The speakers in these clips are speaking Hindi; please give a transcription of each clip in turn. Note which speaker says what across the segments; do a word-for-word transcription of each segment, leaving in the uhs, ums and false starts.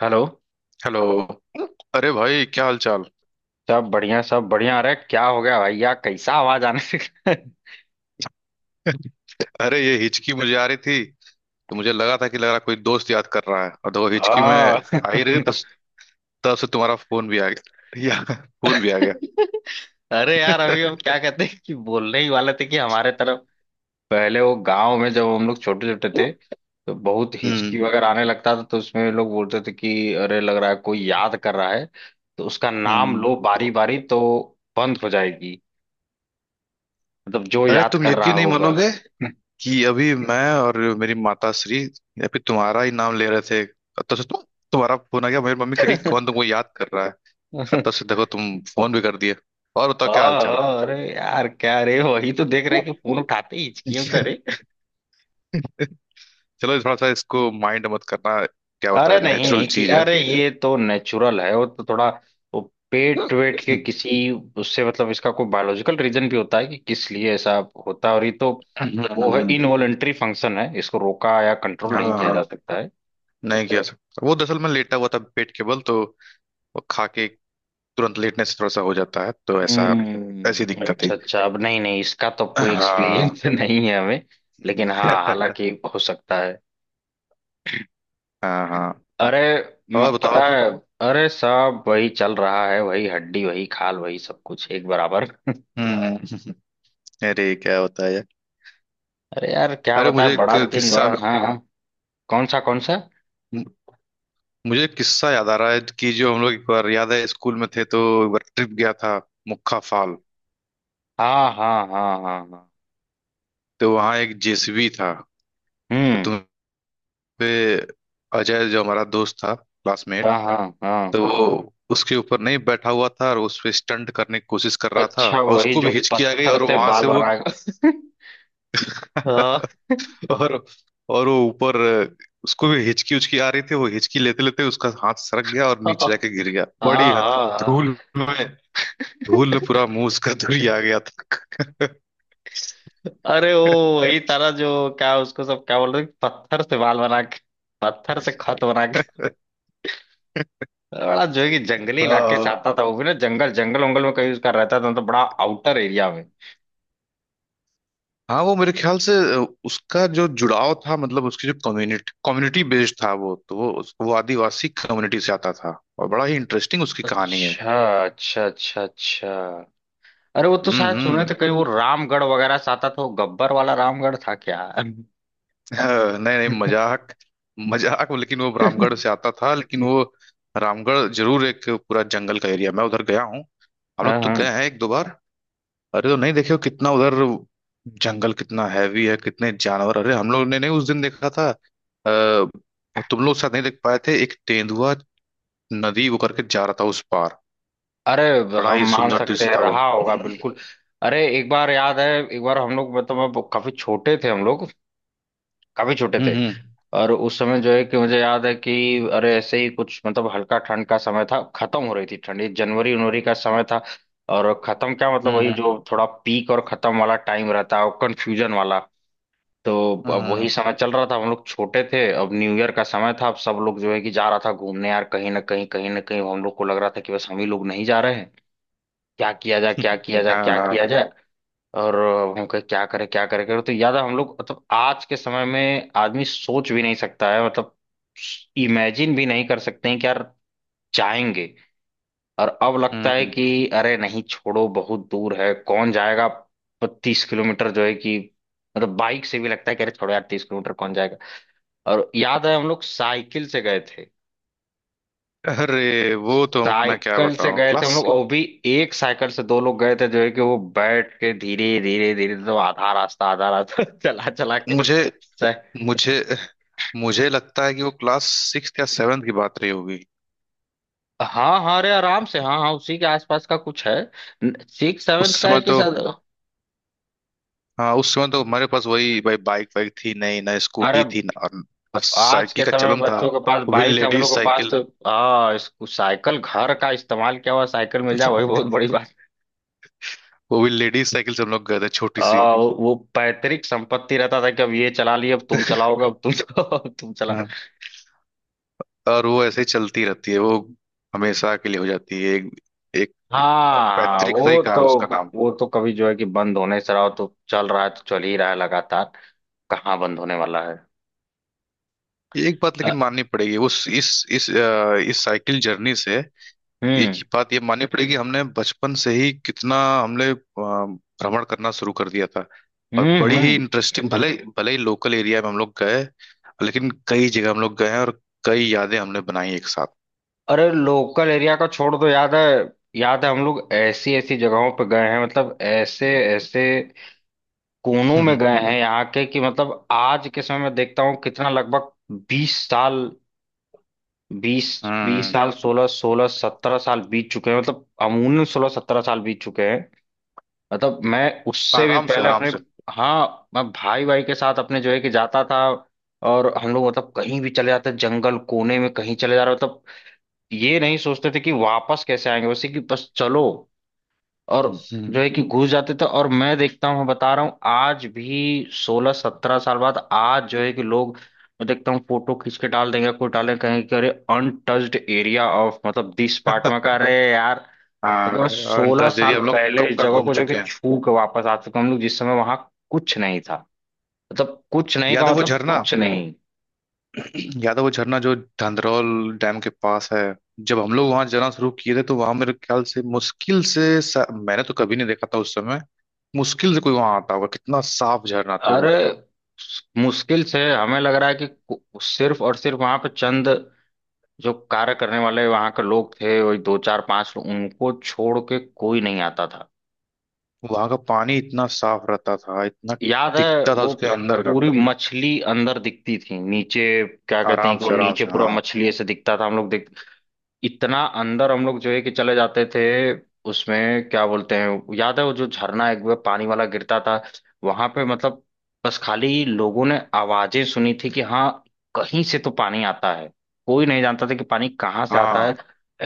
Speaker 1: हेलो।
Speaker 2: हेलो। अरे भाई, क्या हाल चाल?
Speaker 1: सब बढ़िया सब बढ़िया। अरे क्या हो गया भैया कैसा आवाज आने लगा?
Speaker 2: अरे ये हिचकी मुझे आ रही थी, तो मुझे लगा था कि लग रहा कोई दोस्त याद कर रहा है और देखो हिचकी में
Speaker 1: हाँ,
Speaker 2: आ ही रही। तब तब से तुम्हारा फोन भी आ गया या फोन भी आ गया।
Speaker 1: अरे यार अभी हम क्या कहते हैं कि बोलने ही वाले थे कि हमारे तरफ पहले वो गांव में जब हम लोग छोटे छोटे थे तो बहुत
Speaker 2: हम्म।
Speaker 1: हिचकी वगैरह आने लगता था तो उसमें लोग बोलते थे कि अरे लग रहा है कोई याद कर रहा है, तो उसका नाम
Speaker 2: हम्म।
Speaker 1: लो बारी बारी, तो बंद हो जाएगी। मतलब जो
Speaker 2: अरे
Speaker 1: याद
Speaker 2: तुम
Speaker 1: कर रहा
Speaker 2: यकीन नहीं
Speaker 1: होगा।
Speaker 2: मानोगे कि अभी मैं और मेरी माता श्री या फिर तुम्हारा ही नाम ले रहे थे और तब से तुम, तुम्हारा फोन आ गया। मेरी मम्मी कह रही कौन तुमको याद कर रहा है। और तब से देखो तुम फोन भी कर दिए। और बताओ क्या हाल
Speaker 1: हाँ
Speaker 2: चाल?
Speaker 1: हाँ, अरे यार क्या रे, वही तो देख रहे हैं कि फोन उठाते ही हिचकियों करे।
Speaker 2: चलो, थोड़ा सा इसको माइंड मत करना, क्या होता
Speaker 1: अरे
Speaker 2: है,
Speaker 1: नहीं नहीं
Speaker 2: नेचुरल
Speaker 1: ठीक,
Speaker 2: चीज है।
Speaker 1: अरे ये तो नेचुरल है, वो तो थोड़ा वो पेट वेट के किसी उससे, मतलब इसका कोई बायोलॉजिकल रीजन भी होता है कि किस लिए ऐसा होता है, और ये तो वो है इनवॉलेंट्री फंक्शन है, इसको रोका या कंट्रोल
Speaker 2: हाँ
Speaker 1: नहीं किया
Speaker 2: हाँ,
Speaker 1: जा सकता है।
Speaker 2: नहीं किया सकता। वो दरअसल मैं लेटा हुआ था पेट के बल, तो वो खा के तुरंत लेटने से थोड़ा सा हो जाता है, तो ऐसा ऐसी
Speaker 1: हम्म,
Speaker 2: दिक्कत है।
Speaker 1: अच्छा अच्छा। अब नहीं नहीं, इसका तो अब कोई
Speaker 2: हाँ।
Speaker 1: एक्सपीरियंस नहीं है हमें। लेकिन हाँ हालांकि हो सकता है।
Speaker 2: हाँ हाँ।
Speaker 1: अरे
Speaker 2: और
Speaker 1: म-
Speaker 2: बताओ।
Speaker 1: पता है, अरे सब वही चल रहा है, वही हड्डी वही खाल वही सब कुछ एक बराबर।
Speaker 2: हम्म। अरे क्या होता है यार।
Speaker 1: अरे यार क्या
Speaker 2: अरे
Speaker 1: बताए,
Speaker 2: मुझे एक
Speaker 1: बड़ा दिन
Speaker 2: किस्सा,
Speaker 1: बाद। हाँ हाँ। कौन सा कौन सा?
Speaker 2: मुझे एक किस्सा याद आ रहा है कि जो हम लोग एक बार, याद है, स्कूल में थे तो एक बार ट्रिप गया था मुक्खा फाल।
Speaker 1: हाँ हाँ हाँ हाँ हाँ।
Speaker 2: तो वहाँ एक जेसीबी था।
Speaker 1: हम्म।
Speaker 2: तो पे अजय, जो हमारा दोस्त था, क्लासमेट,
Speaker 1: हाँ हाँ हाँ।
Speaker 2: तो वो उसके ऊपर नहीं बैठा हुआ था और उस पे स्टंट करने की कोशिश कर रहा था
Speaker 1: अच्छा,
Speaker 2: और
Speaker 1: वही
Speaker 2: उसको
Speaker 1: जो
Speaker 2: भी हिचकी आ गई
Speaker 1: पत्थर
Speaker 2: और
Speaker 1: से
Speaker 2: वहां
Speaker 1: बाल
Speaker 2: से वो
Speaker 1: बनाएगा। हाँ
Speaker 2: और और वो ऊपर, उसको भी हिचकी उचकी आ रही थी, वो हिचकी लेते लेते उसका हाथ सरक गया और
Speaker 1: हाँ
Speaker 2: नीचे जाके गिर गया बड़ी
Speaker 1: हाँ हाँ।
Speaker 2: धूल में। धूल में पूरा मुंह उसका धुरी आ गया।
Speaker 1: अरे वो वही तारा जो क्या उसको सब क्या बोलते हैं, पत्थर से बाल बना के, पत्थर से खत बना के। बड़ा जो है कि जंगली इलाके से
Speaker 2: था।
Speaker 1: आता था, वो भी ना जंगल जंगल वंगल में कहीं उसका रहता था तो बड़ा आउटर एरिया में।
Speaker 2: हाँ, वो मेरे ख्याल से अ, उसका जो जुड़ाव था मतलब उसकी जो कम्युनिटी, कम्युनिटी बेस्ड था वो, तो वो उस- वो आदिवासी कम्युनिटी से आता था। और बड़ा ही इंटरेस्टिंग उसकी कहानी है।
Speaker 1: अच्छा अच्छा अच्छा अच्छा। अरे वो तो
Speaker 2: हम्म।
Speaker 1: शायद सुने थे
Speaker 2: हम्म।
Speaker 1: कहीं, वो रामगढ़ वगैरह से आता था। वो गब्बर वाला रामगढ़ था क्या?
Speaker 2: अ, नहीं नहीं, मजाक, मजाक। लेकिन वो
Speaker 1: हाँ
Speaker 2: रामगढ़ से आता था। लेकिन वो रामगढ़ जरूर एक पूरा जंगल का एरिया, मैं उधर गया हूँ। हम लोग तो गए
Speaker 1: हाँ।
Speaker 2: हैं एक दो बार। अरे तो नहीं देखे हो कितना उधर जंगल कितना हैवी है, कितने जानवर। अरे हम लोग ने नहीं उस दिन देखा था अ, तुम लोग साथ नहीं देख पाए थे एक तेंदुआ, नदी वो करके जा रहा था उस पार।
Speaker 1: अरे
Speaker 2: बड़ा
Speaker 1: हम
Speaker 2: ही
Speaker 1: मान
Speaker 2: सुंदर अच्छा
Speaker 1: सकते
Speaker 2: दृश्य
Speaker 1: हैं,
Speaker 2: था वो।
Speaker 1: रहा होगा
Speaker 2: अच्छा।
Speaker 1: बिल्कुल। अरे एक बार याद है, एक बार हम लोग मतलब अब काफी छोटे थे हम लोग, काफी छोटे थे,
Speaker 2: हम्म।
Speaker 1: और उस समय जो है कि मुझे याद है कि अरे ऐसे ही कुछ, मतलब हल्का ठंड का समय था, खत्म हो रही थी ठंडी, जनवरी उनवरी का समय था, और खत्म क्या मतलब
Speaker 2: हम्म।
Speaker 1: वही
Speaker 2: हम्म।
Speaker 1: जो थोड़ा पीक और खत्म वाला टाइम रहता है, कंफ्यूजन वाला। तो अब
Speaker 2: हम्म।
Speaker 1: वही समय चल रहा था, हम लोग छोटे थे, अब न्यू ईयर का समय था, अब सब लोग जो है कि जा रहा था घूमने यार कहीं ना कहीं कहीं ना कहीं, हम लोग को लग रहा था कि बस हम ही लोग नहीं जा रहे हैं, क्या किया जाए क्या
Speaker 2: हम्म,
Speaker 1: किया जाए
Speaker 2: हाँ
Speaker 1: क्या
Speaker 2: हाँ।
Speaker 1: किया जाए। और अब हम कहे क्या करें क्या करें करें। तो याद है हम लोग, मतलब आज के समय में आदमी सोच भी नहीं सकता है, मतलब इमेजिन भी नहीं कर सकते हैं कि यार जाएंगे। और अब लगता है
Speaker 2: हम्म।
Speaker 1: कि अरे नहीं छोड़ो, बहुत दूर है कौन जाएगा, तीस किलोमीटर जो है कि मतलब बाइक से भी लगता है कि अरे छोड़ो यार, तीस किलोमीटर कौन जाएगा। और याद है हम लोग साइकिल से गए थे,
Speaker 2: अरे वो तो मैं क्या
Speaker 1: साइकिल से
Speaker 2: बताऊं।
Speaker 1: गए थे हम
Speaker 2: क्लास,
Speaker 1: लोग, और भी एक साइकिल से दो लोग गए थे, जो है कि वो बैठ के धीरे धीरे धीरे, तो आधा रास्ता आधा रास्ता चला चला के
Speaker 2: मुझे
Speaker 1: सह-
Speaker 2: मुझे मुझे लगता है कि वो क्लास सिक्स या सेवन्थ की बात रही होगी।
Speaker 1: हाँ हाँ, अरे आराम से, हाँ हाँ उसी के आसपास का कुछ है, सिक्स
Speaker 2: उस
Speaker 1: सेवन्थ का है
Speaker 2: समय
Speaker 1: कि
Speaker 2: तो,
Speaker 1: सर।
Speaker 2: हाँ, उस समय तो हमारे पास वही भाई बाइक वाइक थी नहीं, ना
Speaker 1: अरे
Speaker 2: स्कूटी थी, ना और ना
Speaker 1: आज के
Speaker 2: साइकिल का
Speaker 1: समय में
Speaker 2: चलन था।
Speaker 1: बच्चों के पास
Speaker 2: वो भी
Speaker 1: बाइक है, हम
Speaker 2: लेडीज
Speaker 1: लोग के पास
Speaker 2: साइकिल।
Speaker 1: तो हाँ, इसको साइकिल घर का इस्तेमाल किया हुआ साइकिल मिल जाए वही बहुत बड़ी बात।
Speaker 2: वो भी लेडीज साइकिल से हम लोग गए थे, छोटी सी।
Speaker 1: आ, वो पैतृक संपत्ति रहता था कि अब ये चला लिए अब तुम चलाओगे अब तुम चलाओ अब तुम चला।
Speaker 2: और वो ऐसे ही चलती रहती है, वो हमेशा के लिए हो जाती है एक, एक
Speaker 1: हाँ
Speaker 2: पैतृक ही
Speaker 1: वो
Speaker 2: का
Speaker 1: तो,
Speaker 2: उसका नाम।
Speaker 1: वो तो कभी जो है कि बंद होने से रहा हो, तो चल रहा है तो चल ही रहा है लगातार, कहाँ बंद होने वाला है।
Speaker 2: एक बात
Speaker 1: अ,
Speaker 2: लेकिन माननी पड़ेगी उस इस इस अ, इस साइकिल जर्नी से, एक
Speaker 1: हम्म
Speaker 2: ही बात ये माननी पड़ेगी, हमने बचपन से ही कितना, हमने अ, भ्रमण करना शुरू कर दिया था। और
Speaker 1: हम्म
Speaker 2: बड़ी ही
Speaker 1: हम्म।
Speaker 2: इंटरेस्टिंग, भले भले ही लोकल एरिया में हम लोग गए, लेकिन कई जगह हम लोग गए हैं, और कई यादें हमने बनाई एक साथ।
Speaker 1: अरे लोकल एरिया का छोड़ दो, याद है, याद है हम लोग ऐसी ऐसी जगहों पे गए हैं, मतलब ऐसे ऐसे कोनों में
Speaker 2: हम्म।
Speaker 1: गए हैं यहाँ के कि मतलब आज के समय में देखता हूँ, कितना लगभग बीस साल, बीस, बीस
Speaker 2: हम्म,
Speaker 1: साल सोलह सोलह सत्रह साल बीत चुके हैं, मतलब अमूमन सोलह सत्रह साल बीत चुके हैं। मतलब मैं उससे भी
Speaker 2: आराम से
Speaker 1: पहले
Speaker 2: आराम
Speaker 1: अपने,
Speaker 2: से।
Speaker 1: हाँ मैं भाई भाई के साथ अपने जो है कि जाता था, और हम लोग मतलब कहीं भी चले जाते, जंगल कोने में कहीं चले जा रहे, मतलब ये नहीं सोचते थे कि वापस कैसे आएंगे, वैसे कि बस चलो, और
Speaker 2: हम्म। हम्म।
Speaker 1: जो है कि घुस जाते थे। और मैं देखता हूँ, मैं बता रहा हूँ, आज भी सोलह सत्रह साल बाद आज जो है कि लोग, मैं देखता हूँ फोटो खींच के डाल देंगे कोई, डालेंगे कहेंगे कि अरे अनटच्ड एरिया ऑफ मतलब दिस पार्ट में का, अरे यार
Speaker 2: हाँ।
Speaker 1: क्योंकि मैं सोलह
Speaker 2: और
Speaker 1: साल
Speaker 2: एरिया हम लोग
Speaker 1: पहले
Speaker 2: कब
Speaker 1: इस
Speaker 2: का
Speaker 1: जगह
Speaker 2: घूम
Speaker 1: को जाके
Speaker 2: चुके हैं।
Speaker 1: छू के वापस आ चुका हूं। हम लोग जिस समय वहां कुछ नहीं था, मतलब कुछ नहीं
Speaker 2: याद
Speaker 1: का
Speaker 2: है वो
Speaker 1: मतलब
Speaker 2: झरना,
Speaker 1: कुछ नहीं।
Speaker 2: याद है वो झरना जो धंधरौल डैम के पास है? जब हम लोग वहां जाना शुरू किए थे तो वहां मेरे ख्याल से मुश्किल से सा- मैंने तो कभी नहीं देखा था उस समय, मुश्किल से कोई वहां आता होगा। कितना साफ झरना था
Speaker 1: अरे
Speaker 2: वो।
Speaker 1: मुश्किल से हमें लग रहा है कि कु- सिर्फ और सिर्फ वहां पे चंद जो कार्य करने वाले वहां के लोग थे, वही दो चार पांच लोग, उनको छोड़ के कोई नहीं आता था।
Speaker 2: वहां का पानी इतना साफ रहता था, इतना
Speaker 1: याद है
Speaker 2: टिकता था,
Speaker 1: वो,
Speaker 2: उसके अंदर का।
Speaker 1: पूरी मछली अंदर दिखती थी नीचे, क्या कहते हैं
Speaker 2: आराम
Speaker 1: कि वो
Speaker 2: से आराम
Speaker 1: नीचे
Speaker 2: से।
Speaker 1: पूरा
Speaker 2: हाँ।
Speaker 1: मछली ऐसे दिखता था, हम लोग इतना अंदर हम लोग जो है कि चले जाते थे। उसमें क्या बोलते हैं, याद है वो जो झरना एक बार पानी वाला गिरता था, वहां पे मतलब बस खाली लोगों ने आवाजें सुनी थी कि हाँ कहीं से तो पानी आता है, कोई नहीं जानता था कि पानी कहाँ से आता
Speaker 2: हाँ।
Speaker 1: है,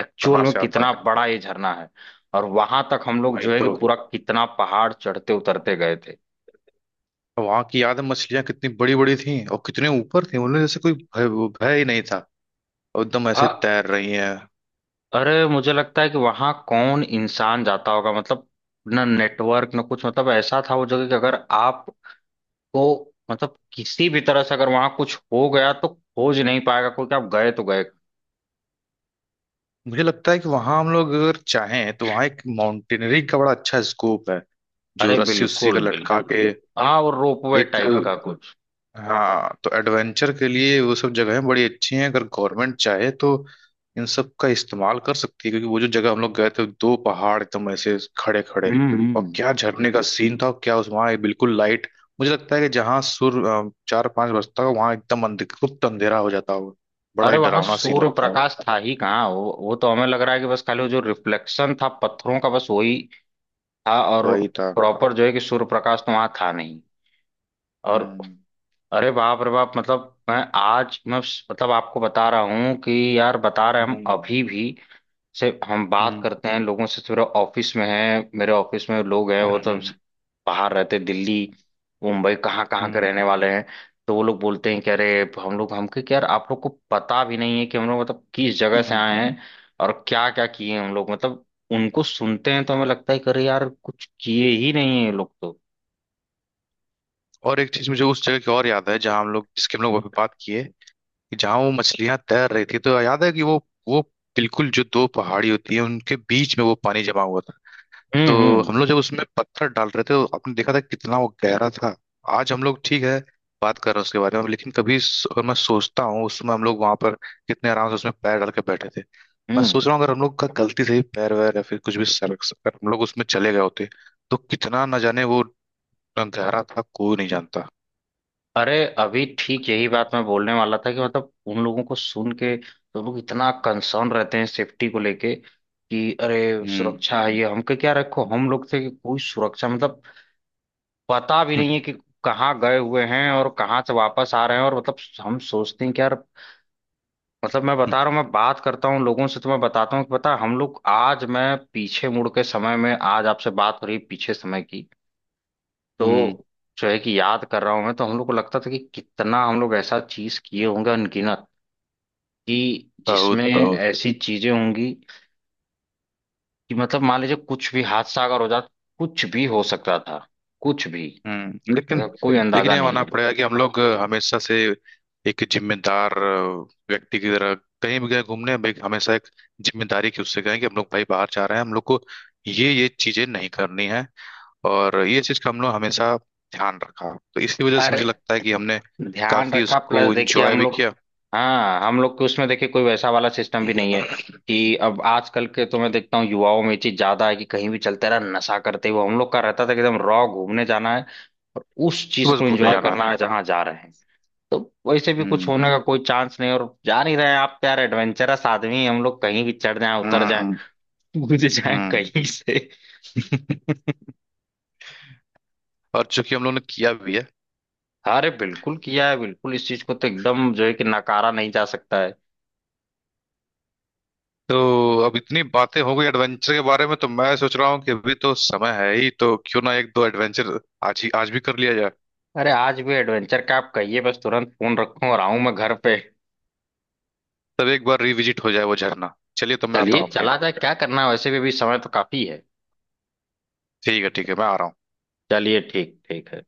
Speaker 1: एक्चुअल
Speaker 2: कहाँ
Speaker 1: में
Speaker 2: से आता।
Speaker 1: कितना बड़ा ये झरना है। और वहां तक हम लोग
Speaker 2: वही
Speaker 1: जो है कि
Speaker 2: तो।
Speaker 1: पूरा कितना पहाड़ चढ़ते उतरते गए थे।
Speaker 2: वहां की याद है मछलियां कितनी बड़ी बड़ी थी और कितने ऊपर थी, उन्हें जैसे कोई भय, वो भय ही नहीं था और एकदम ऐसे
Speaker 1: हाँ,
Speaker 2: तैर रही हैं।
Speaker 1: अरे मुझे लगता है कि वहां कौन इंसान जाता होगा, मतलब ना नेटवर्क ना कुछ, मतलब ऐसा था वो जगह कि अगर आप तो मतलब किसी भी तरह से अगर वहां कुछ हो गया तो खोज नहीं पाएगा कोई, कि आप गए तो गए।
Speaker 2: मुझे लगता है कि वहां हम लोग अगर चाहें तो वहां एक माउंटेनियरिंग का बड़ा अच्छा स्कोप है। जो
Speaker 1: अरे
Speaker 2: रस्सी उस्सी का
Speaker 1: बिल्कुल
Speaker 2: लटका
Speaker 1: बिल्कुल,
Speaker 2: के
Speaker 1: हाँ वो रोपवे
Speaker 2: एक,
Speaker 1: टाइप का कुछ।
Speaker 2: हाँ, तो एडवेंचर के लिए वो सब जगहें बड़ी अच्छी हैं। अगर गवर्नमेंट चाहे तो इन सब का इस्तेमाल कर सकती है, क्योंकि वो जो जगह हम लोग गए थे, दो पहाड़ एकदम ऐसे खड़े खड़े,
Speaker 1: हम्म
Speaker 2: और
Speaker 1: हम्म।
Speaker 2: क्या झरने का सीन था, और क्या उस वहाँ बिल्कुल लाइट। मुझे लगता है कि जहाँ सूर्य अ, चार पांच बजता हो वहाँ एकदम अंधे गुप्त अंधेरा हो जाता हो, बड़ा
Speaker 1: अरे
Speaker 2: ही
Speaker 1: वहां
Speaker 2: डरावना सीन
Speaker 1: सूर्य
Speaker 2: लगता हो।
Speaker 1: प्रकाश था ही कहाँ वो, वो तो हमें लग रहा है कि बस खाली वो जो रिफ्लेक्शन था पत्थरों का, बस वही था, और
Speaker 2: वही था।
Speaker 1: प्रॉपर जो है कि सूर्य प्रकाश तो वहां था नहीं और,
Speaker 2: हम्म।
Speaker 1: अरे बाप रे बाप, मतलब मैं आज मैं उस- मतलब आपको बता रहा हूँ कि यार बता रहे हैं हम
Speaker 2: हम्म।
Speaker 1: अभी भी से हम बात
Speaker 2: हम्म।
Speaker 1: करते हैं लोगों से, थोड़ा ऑफिस में है, मेरे ऑफिस में लोग हैं वो तो
Speaker 2: हम्म,
Speaker 1: बाहर रहते हैं, दिल्ली मुंबई कहाँ कहाँ के
Speaker 2: हम्म,
Speaker 1: रहने वाले हैं, तो वो लोग बोलते हैं कि अरे हम लोग हमके क्या यार, आप लोग को पता भी नहीं है कि हम लोग मतलब किस जगह से
Speaker 2: हम्म।
Speaker 1: आए हैं, और क्या क्या किए हैं हम लोग, मतलब उनको सुनते हैं तो हमें लगता है कि अरे यार कुछ किए ही नहीं है ये लोग तो।
Speaker 2: और एक चीज मुझे उस जगह की और याद है, जहां हम लोग, जिसके हम लोग अभी बात किए, कि जहां वो मछलियां तैर रही थी, तो याद है कि वो वो बिल्कुल जो दो पहाड़ी होती है उनके बीच में वो पानी जमा हुआ था,
Speaker 1: हम्म
Speaker 2: तो
Speaker 1: हम्म
Speaker 2: हम लोग जब उसमें पत्थर डाल रहे थे तो आपने देखा था कितना वो गहरा था। आज हम लोग, ठीक है, बात कर रहे हैं उसके बारे में, लेकिन कभी स- अगर मैं सोचता हूँ उसमें हम लोग वहां पर कितने आराम से उसमें पैर डाल के बैठे थे। मैं
Speaker 1: हम्म।
Speaker 2: सोच रहा हूँ अगर हम लोग का गलती से ही पैर वैर या फिर कुछ भी सरक, अगर हम लोग उसमें चले गए होते तो कितना न जाने वो गहरा था, कोई नहीं जानता।
Speaker 1: अरे अभी ठीक यही बात मैं बोलने वाला था, कि मतलब उन लोगों को सुन के तो लोग इतना कंसर्न रहते हैं सेफ्टी को लेके कि अरे
Speaker 2: हम्म।
Speaker 1: सुरक्षा है ये हमके क्या रखो, हम लोग थे कि कोई सुरक्षा मतलब पता भी
Speaker 2: हम्म।
Speaker 1: नहीं है कि कहाँ गए हुए हैं और कहाँ से वापस आ रहे हैं, और मतलब हम सोचते हैं कि यार, मतलब मैं बता रहा हूँ, मैं बात करता हूँ लोगों से तो मैं बताता हूँ कि पता है, हम लोग आज मैं पीछे मुड़ के समय में आज आपसे बात हो रही है पीछे समय की,
Speaker 2: हम्म,
Speaker 1: तो जो है कि याद कर रहा हूं मैं, तो हम लोग को लगता था कि कितना हम लोग ऐसा चीज किए होंगे अनगिनत कि
Speaker 2: बहुत
Speaker 1: जिसमें
Speaker 2: बहुत।
Speaker 1: ऐसी चीजें होंगी, कि मतलब मान लीजिए कुछ भी हादसा अगर हो जाता, कुछ भी हो सकता था, कुछ भी,
Speaker 2: हम्म लेकिन,
Speaker 1: ऐसा कोई
Speaker 2: लेकिन
Speaker 1: अंदाजा
Speaker 2: ये
Speaker 1: नहीं
Speaker 2: मानना
Speaker 1: है।
Speaker 2: पड़ेगा कि हम लोग हमेशा से एक जिम्मेदार अ, व्यक्ति की तरह कहीं भी गए घूमने, भाई हमेशा एक जिम्मेदारी के उससे गए कि हम लोग भाई बाहर जा रहे हैं, हम लोग को ये ये चीजें नहीं करनी है। और ये चीज का हम लोग हमेशा ध्यान रखा, तो इसकी वजह से मुझे
Speaker 1: अरे
Speaker 2: लगता है कि हमने
Speaker 1: ध्यान
Speaker 2: काफी
Speaker 1: रखा, प्लस
Speaker 2: उसको
Speaker 1: देखिए
Speaker 2: इंजॉय
Speaker 1: हम
Speaker 2: भी
Speaker 1: लोग,
Speaker 2: किया।
Speaker 1: हाँ हम लोग के उसमें देखिए कोई वैसा वाला सिस्टम भी नहीं है कि, अब आजकल के तो मैं देखता हूँ युवाओं में ये चीज ज्यादा है कि कहीं भी चलते रहा नशा करते हुए, हम लोग का रहता था कि एकदम रॉ घूमने जाना है, और उस
Speaker 2: तो
Speaker 1: चीज
Speaker 2: बस
Speaker 1: को
Speaker 2: घूमने
Speaker 1: एंजॉय
Speaker 2: जाना।
Speaker 1: करना है जहां जा रहे हैं, तो वैसे भी कुछ
Speaker 2: हम्म।
Speaker 1: होने का कोई चांस नहीं है। और जा नहीं रहे हैं आप यार, एडवेंचरस आदमी हैं, हम लोग कहीं भी चढ़ जाए उतर जाए
Speaker 2: हम्म।
Speaker 1: कूद जाए
Speaker 2: हम्म।
Speaker 1: कहीं से।
Speaker 2: और चूंकि हम लोग ने किया भी है,
Speaker 1: अरे बिल्कुल किया है बिल्कुल, इस चीज को तो एकदम जो है कि नकारा नहीं जा सकता है।
Speaker 2: तो अब इतनी बातें हो गई एडवेंचर के बारे में, तो मैं सोच रहा हूँ कि अभी तो समय है ही, तो क्यों ना एक दो एडवेंचर आज ही, आज भी कर लिया जाए।
Speaker 1: अरे आज भी एडवेंचर का आप कहिए, बस तुरंत फोन रखूं और आऊं मैं घर पे।
Speaker 2: तब एक बार रिविजिट हो जाए वो झरना, चलिए तो मैं आता
Speaker 1: चलिए
Speaker 2: हूँ आपके यहाँ।
Speaker 1: चला जाए, क्या करना है, वैसे भी अभी समय तो काफी है।
Speaker 2: ठीक है ठीक है, मैं आ रहा हूँ।
Speaker 1: चलिए ठीक, ठीक है।